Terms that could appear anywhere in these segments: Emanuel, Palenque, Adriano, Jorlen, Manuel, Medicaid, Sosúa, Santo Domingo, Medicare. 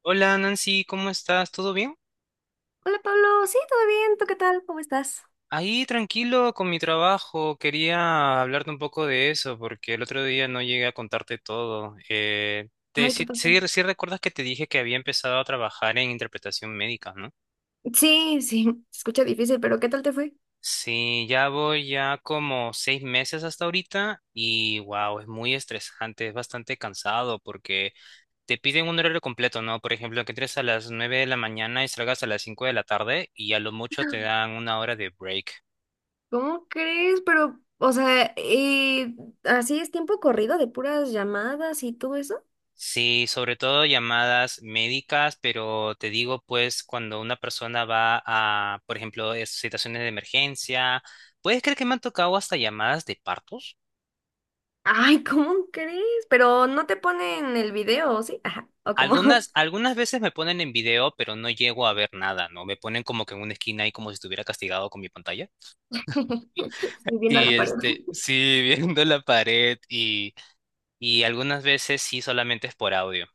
Hola Nancy, ¿cómo estás? ¿Todo bien? Hola Pablo, sí, todo bien, ¿tú qué tal? ¿Cómo estás? Ahí tranquilo con mi trabajo. Quería hablarte un poco de eso porque el otro día no llegué a contarte todo. Eh, te, Ay, ¿qué sí, pasó? sí- sí recuerdas que te dije que había empezado a trabajar en interpretación médica, ¿no? Sí, sí, se escucha difícil, pero ¿qué tal te fue? Sí, ya voy ya como 6 meses hasta ahorita y wow, es muy estresante, es bastante cansado porque te piden un horario completo, ¿no? Por ejemplo, que entres a las 9 de la mañana y salgas a las 5 de la tarde y a lo mucho te dan 1 hora de break. ¿Cómo crees? Pero, o sea, así es tiempo corrido de puras llamadas y todo eso. Sí, sobre todo llamadas médicas, pero te digo, pues, cuando una persona va a, por ejemplo, situaciones de emergencia, ¿puedes creer que me han tocado hasta llamadas de partos? Ay, ¿cómo crees? Pero no te ponen el video, ¿sí? Ajá, o como Algunas veces me ponen en video, pero no llego a ver nada, ¿no? Me ponen como que en una esquina y como si estuviera castigado con mi pantalla. estoy viendo a Y la pared. este, sí, viendo la pared y algunas veces sí solamente es por audio.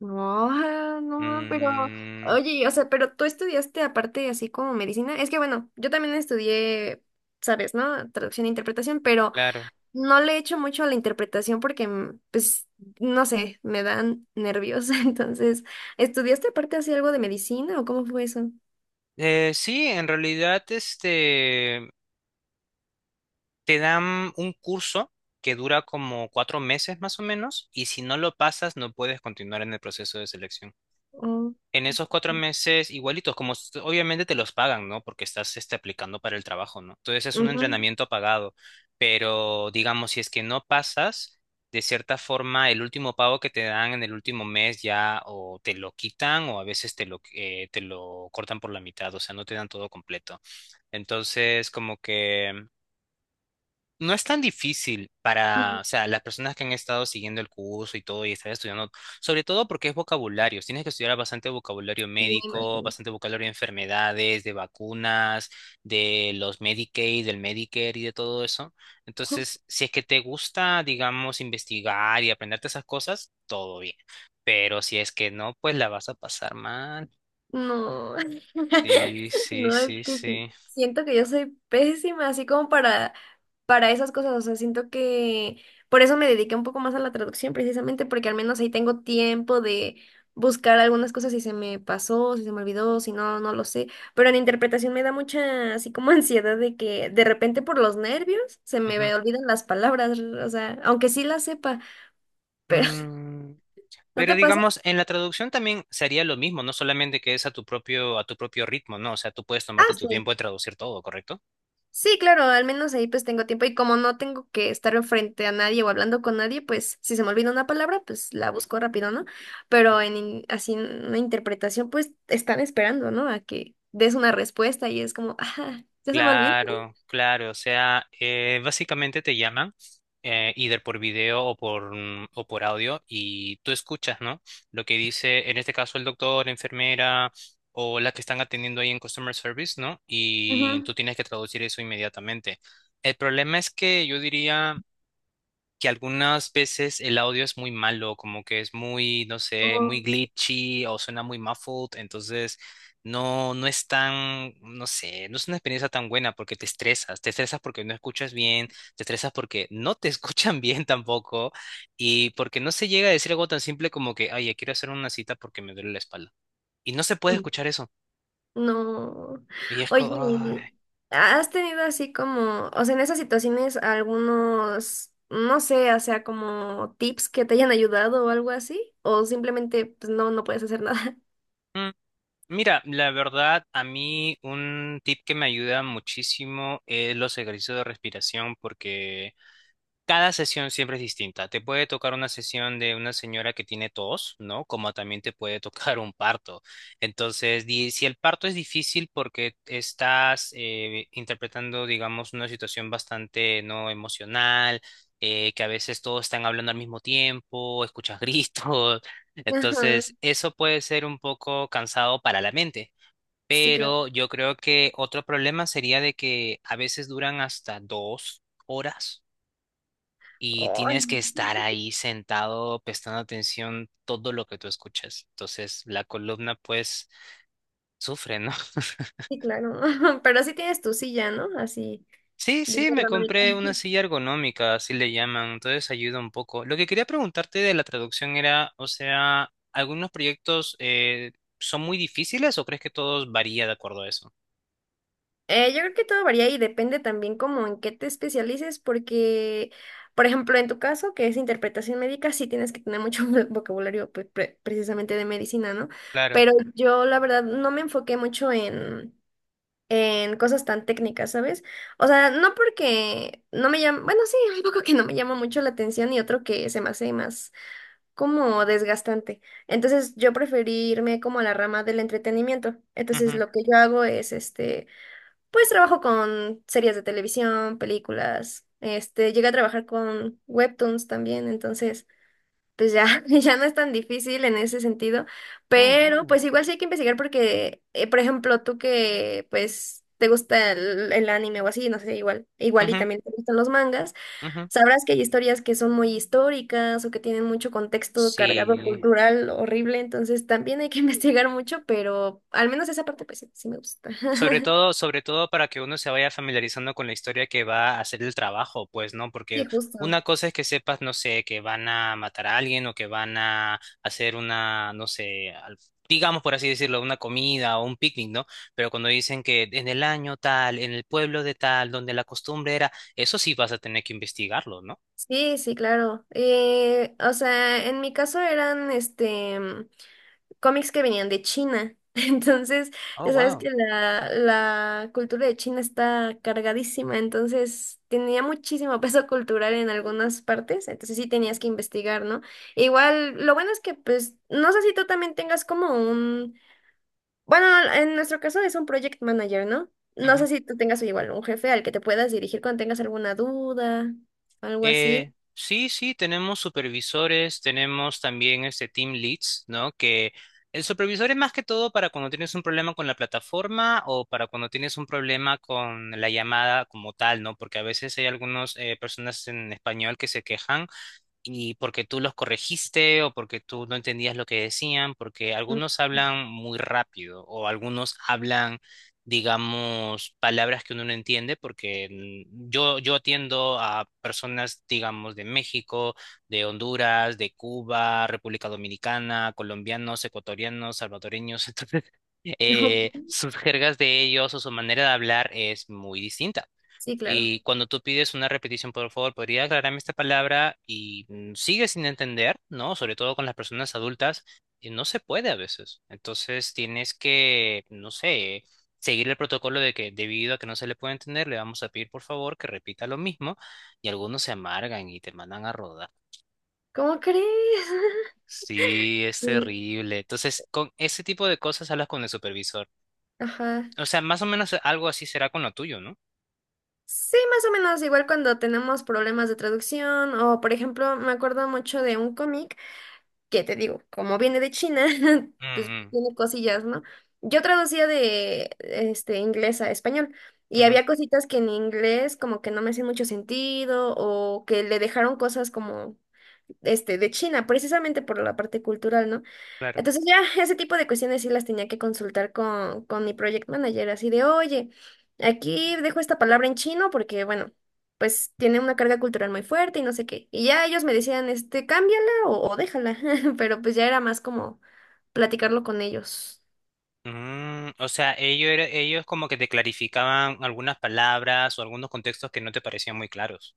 No, ah, no, pero, Mm, oye, o sea, pero tú estudiaste aparte así como medicina. Es que bueno, yo también estudié, sabes, ¿no? Traducción e interpretación, pero claro. no le echo mucho a la interpretación porque, pues, no sé, me dan nervios. Entonces, ¿estudiaste aparte así algo de medicina o cómo fue eso? Sí, en realidad, este. Te dan un curso que dura como 4 meses más o menos, y si no lo pasas, no puedes continuar en el proceso de selección. Oh, En esos 4 meses, igualitos, como obviamente te los pagan, ¿no? Porque estás este, aplicando para el trabajo, ¿no? Entonces es un ujú, entrenamiento pagado, pero digamos, si es que no pasas, de cierta forma, el último pago que te dan en el último mes ya o te lo quitan o a veces te lo cortan por la mitad, o sea, no te dan todo completo. Entonces, como que. No es tan difícil para, ujú, o sea, las personas que han estado siguiendo el curso y todo y están estudiando, sobre todo porque es vocabulario. Tienes que estudiar bastante vocabulario y me médico, imagino. bastante vocabulario de enfermedades, de vacunas, de los Medicaid, del Medicare y de todo eso. Entonces, si es que te gusta, digamos, investigar y aprenderte esas cosas, todo bien. Pero si es que no, pues la vas a pasar mal. No. Sí, sí, No, es sí, que sí. sí. Siento que yo soy pésima, así como para esas cosas. O sea, siento que por eso me dediqué un poco más a la traducción, precisamente porque al menos ahí tengo tiempo de buscar algunas cosas si se me pasó, si se me olvidó, si no, no lo sé. Pero en interpretación me da mucha, así como ansiedad de que de repente por los nervios se me Ujú. olvidan las palabras, o sea, aunque sí las sepa, pero Mm, ¿no Pero te pasa? digamos, en la traducción también sería lo mismo, no solamente que es a tu propio ritmo, ¿no? O sea, tú puedes tomarte Ah, tu sí. tiempo de traducir todo, ¿correcto? Sí, claro, al menos ahí pues tengo tiempo y como no tengo que estar enfrente a nadie o hablando con nadie, pues si se me olvida una palabra, pues la busco rápido, ¿no? Pero en así en una interpretación, pues están esperando, ¿no? A que des una respuesta y es como, ah, ya se me olvidó. Claro, claro, o sea, básicamente te llaman, either por video o o por audio, y tú escuchas, ¿no? Lo que dice, en este caso, el doctor, la enfermera o la que están atendiendo ahí en Customer Service, ¿no? Y Ujú. tú tienes que traducir eso inmediatamente. El problema es que yo diría que algunas veces el audio es muy malo, como que es muy, no sé, muy Oh, glitchy o suena muy muffled, entonces no, no es tan, no sé, no es una experiencia tan buena porque te estresas porque no escuchas bien, te estresas porque no te escuchan bien tampoco y porque no se llega a decir algo tan simple como que, ay, ya quiero hacer una cita porque me duele la espalda. Y no se puede sí. escuchar eso. No. Y es como... Oye, ¿has tenido así como, o sea, en esas situaciones algunos, no sé, o sea, como tips que te hayan ayudado o algo así? ¿O simplemente pues no, no puedes hacer nada? Ay. Mira, la verdad, a mí un tip que me ayuda muchísimo es los ejercicios de respiración, porque cada sesión siempre es distinta. Te puede tocar una sesión de una señora que tiene tos, ¿no? Como también te puede tocar un parto. Entonces, si el parto es difícil porque estás interpretando, digamos, una situación bastante no emocional, que a veces todos están hablando al mismo tiempo, escuchas gritos. Ajá, Entonces, eso puede ser un poco cansado para la mente. sí, claro. Pero yo creo que otro problema sería de que a veces duran hasta 2 horas y Ay, tienes que estar ahí sentado prestando atención todo lo que tú escuchas. Entonces la columna pues sufre, ¿no? sí, claro. Pero así tienes tu silla, ¿no? Así, Sí, bien sí, me ergonómica. compré una silla ergonómica, así le llaman, entonces ayuda un poco. Lo que quería preguntarte de la traducción era, o sea, ¿algunos proyectos son muy difíciles o crees que todos varía de acuerdo a eso? Yo creo que todo varía y depende también como en qué te especialices, porque, por ejemplo, en tu caso, que es interpretación médica, sí tienes que tener mucho vocabulario pues, precisamente de medicina, ¿no? Claro. Pero yo, la verdad, no me enfoqué mucho en cosas tan técnicas, ¿sabes? O sea, no porque no me llama, bueno, sí, un poco que no me llama mucho la atención y otro que se me hace más, como desgastante. Entonces yo preferí irme como a la rama del entretenimiento. Entonces Ujú. lo que yo hago es, este, pues trabajo con series de televisión, películas, este, llegué a trabajar con webtoons también, entonces pues ya, ya no es tan difícil en ese sentido, Oh, pero wow. pues igual sí hay que investigar porque, por ejemplo, tú que pues te gusta el anime o así, no sé, igual y Ujú, también te gustan los mangas. ujú. Sabrás que hay historias que son muy históricas o que tienen mucho contexto cargado Sí. cultural horrible, entonces también hay que investigar mucho, pero al menos esa parte pues sí, sí me gusta. Sobre todo para que uno se vaya familiarizando con la historia que va a hacer el trabajo, pues, ¿no? Porque Sí, justo. una cosa es que sepas, no sé, que van a matar a alguien o que van a hacer una, no sé, al- digamos por así decirlo, una comida o un picnic, ¿no? Pero cuando dicen que en el año tal, en el pueblo de tal, donde la costumbre era, eso sí vas a tener que investigarlo, ¿no? Sí, sí, claro. O sea, en mi caso eran este cómics que venían de China. Entonces, Oh, ya sabes wow. que la cultura de China está cargadísima, entonces tenía muchísimo peso cultural en algunas partes, entonces sí tenías que investigar, ¿no? E igual, lo bueno es que, pues, no sé si tú también tengas como un, bueno, en nuestro caso es un project manager, ¿no? No sé si tú tengas igual un jefe al que te puedas dirigir cuando tengas alguna duda, algo así. Sí, sí, tenemos supervisores, tenemos también este team leads, ¿no? Que el supervisor es más que todo para cuando tienes un problema con la plataforma o para cuando tienes un problema con la llamada como tal, ¿no? Porque a veces hay algunas personas en español que se quejan y porque tú los corregiste o porque tú no entendías lo que decían, porque Mm. algunos hablan muy rápido o algunos hablan, digamos, palabras que uno no entiende, porque yo atiendo a personas, digamos, de México, de Honduras, de Cuba, República Dominicana, colombianos, ecuatorianos, salvadoreños, entonces... sus jergas de ellos o su manera de hablar es muy distinta. Sí, claro. Y cuando tú pides una repetición, por favor, ¿podría aclararme esta palabra? Y sigue sin entender, ¿no? Sobre todo con las personas adultas, y no se puede a veces. Entonces tienes que, no sé, seguir el protocolo de que debido a que no se le puede entender, le vamos a pedir, por favor, que repita lo mismo. Y algunos se amargan y te mandan a rodar. ¿Cómo crees? Sí, es Sí, terrible. Entonces, con ese tipo de cosas hablas con el supervisor. ajá. O sea, más o menos algo así será con lo tuyo, ¿no? Sí, más o menos igual cuando tenemos problemas de traducción o, por ejemplo, me acuerdo mucho de un cómic que te digo, como viene de China, pues Mm, tiene cosillas, ¿no? Yo traducía de este inglés a español mm, y ujú, había cositas que en inglés como que no me hacían mucho sentido o que le dejaron cosas como este, de China, precisamente por la parte cultural, ¿no? claro. Entonces ya ese tipo de cuestiones sí las tenía que consultar con, mi project manager, así de, oye, aquí dejo esta palabra en chino porque, bueno, pues tiene una carga cultural muy fuerte y no sé qué. Y ya ellos me decían, este, cámbiala o déjala, pero pues ya era más como platicarlo con ellos. Mm, o sea, ellos como que te clarificaban algunas palabras o algunos contextos que no te parecían muy claros.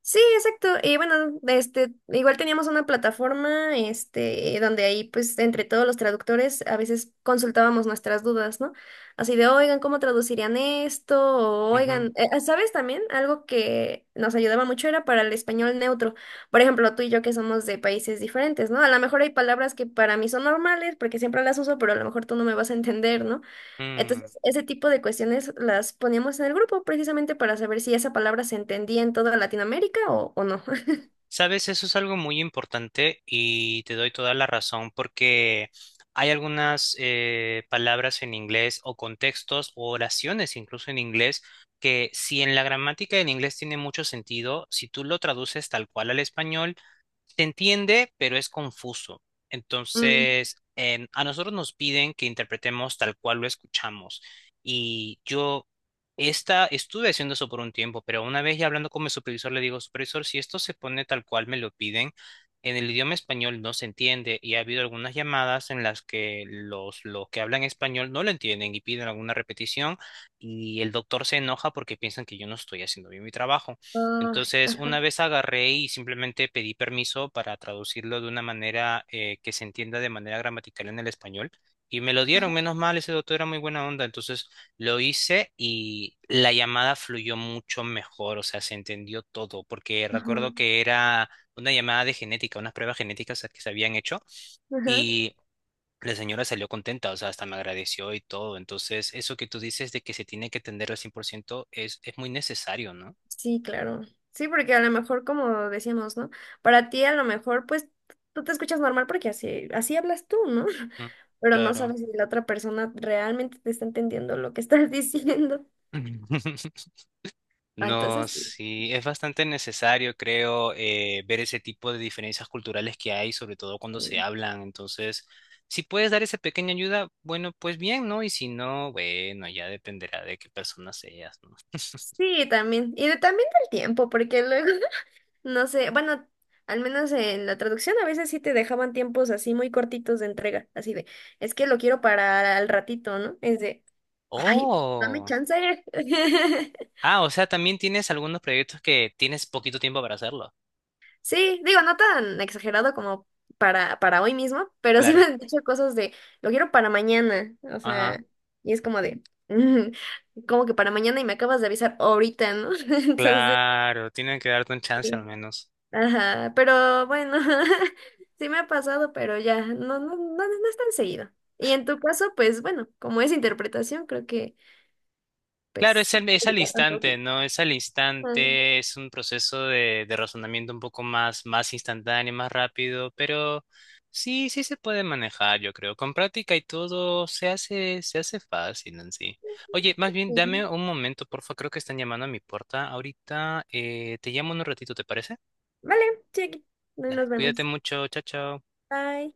Sí, exacto. Y bueno, este, igual teníamos una plataforma, este, donde ahí, pues, entre todos los traductores, a veces consultábamos nuestras dudas, ¿no? Así de, oigan, ¿cómo traducirían esto? O, Ujú. oigan, ah, ¿sabes también? Algo que nos ayudaba mucho era para el español neutro. Por ejemplo, tú y yo que somos de países diferentes, ¿no? A lo mejor hay palabras que para mí son normales, porque siempre las uso, pero a lo mejor tú no me vas a entender, ¿no? Mm. Entonces, ese tipo de cuestiones las poníamos en el grupo precisamente para saber si esa palabra se entendía en toda Latinoamérica o, no. Sabes, eso es algo muy importante y te doy toda la razón porque hay algunas palabras en inglés o contextos o oraciones incluso en inglés que si en la gramática del inglés tiene mucho sentido, si tú lo traduces tal cual al español, se entiende, pero es confuso. Mm, Entonces, en- a nosotros nos piden que interpretemos tal cual lo escuchamos. Y yo estuve haciendo eso por un tiempo, pero una vez ya hablando con mi supervisor le digo, supervisor, si esto se pone tal cual me lo piden, en el idioma español no se entiende y ha habido algunas llamadas en las que los que hablan español no lo entienden y piden alguna repetición y el doctor se enoja porque piensan que yo no estoy haciendo bien mi trabajo. ay, Entonces, ajá, una vez agarré y simplemente pedí permiso para traducirlo de una manera que se entienda de manera gramatical en el español. Y me lo dieron, menos mal, ese doctor era muy buena onda, entonces lo hice y la llamada fluyó mucho mejor, o sea, se entendió todo, porque ajá, recuerdo que era una llamada de genética, unas pruebas genéticas que se habían hecho ajá. y la señora salió contenta, o sea, hasta me agradeció y todo. Entonces, eso que tú dices de que se tiene que atender al 100% es muy necesario, ¿no? Sí, claro. Sí, porque a lo mejor, como decíamos, ¿no? Para ti a lo mejor, pues, tú te escuchas normal porque así, así hablas tú, ¿no? Mm, Pero no claro. sabes si la otra persona realmente te está entendiendo lo que estás diciendo. Ah, No, entonces, sí, es bastante necesario, creo, ver ese tipo de diferencias culturales que hay, sobre todo cuando se hablan. Entonces, si puedes dar esa pequeña ayuda, bueno, pues bien, ¿no? Y si no, bueno, ya dependerá de qué persona seas, ¿no? sí, también. Y también del tiempo, porque luego no sé, bueno, al menos en la traducción a veces sí te dejaban tiempos así muy cortitos de entrega, así de, es que lo quiero para al ratito, ¿no? Es de, ay, dame Oh, chance. ah, o sea, también tienes algunos proyectos que tienes poquito tiempo para hacerlo. Sí, digo, no tan exagerado como para, hoy mismo, pero sí me Claro, han dicho cosas de, lo quiero para mañana, o ajá, sea, y es como de, como que para mañana y me acabas de avisar ahorita, ¿no? Entonces, claro, tienen que darte un chance al sí. menos. Ajá, pero bueno, sí me ha pasado, pero ya, no, no, no, no es tan seguido. Y en tu caso, pues bueno, como es interpretación, creo que, Claro, pues, es no al, es al aplica tanto, instante, ¿sí? ¿no? Es al Ah, instante, es un proceso de razonamiento un poco más instantáneo, más rápido, pero sí, sí se puede manejar, yo creo. Con práctica y todo se hace fácil en sí. Oye, más bien, dame sí. un momento, porfa, creo que están llamando a mi puerta ahorita. Te llamo en un ratito, ¿te parece? Vale, sí, aquí. Dale, Nos cuídate vemos. mucho, chao, chao. Bye.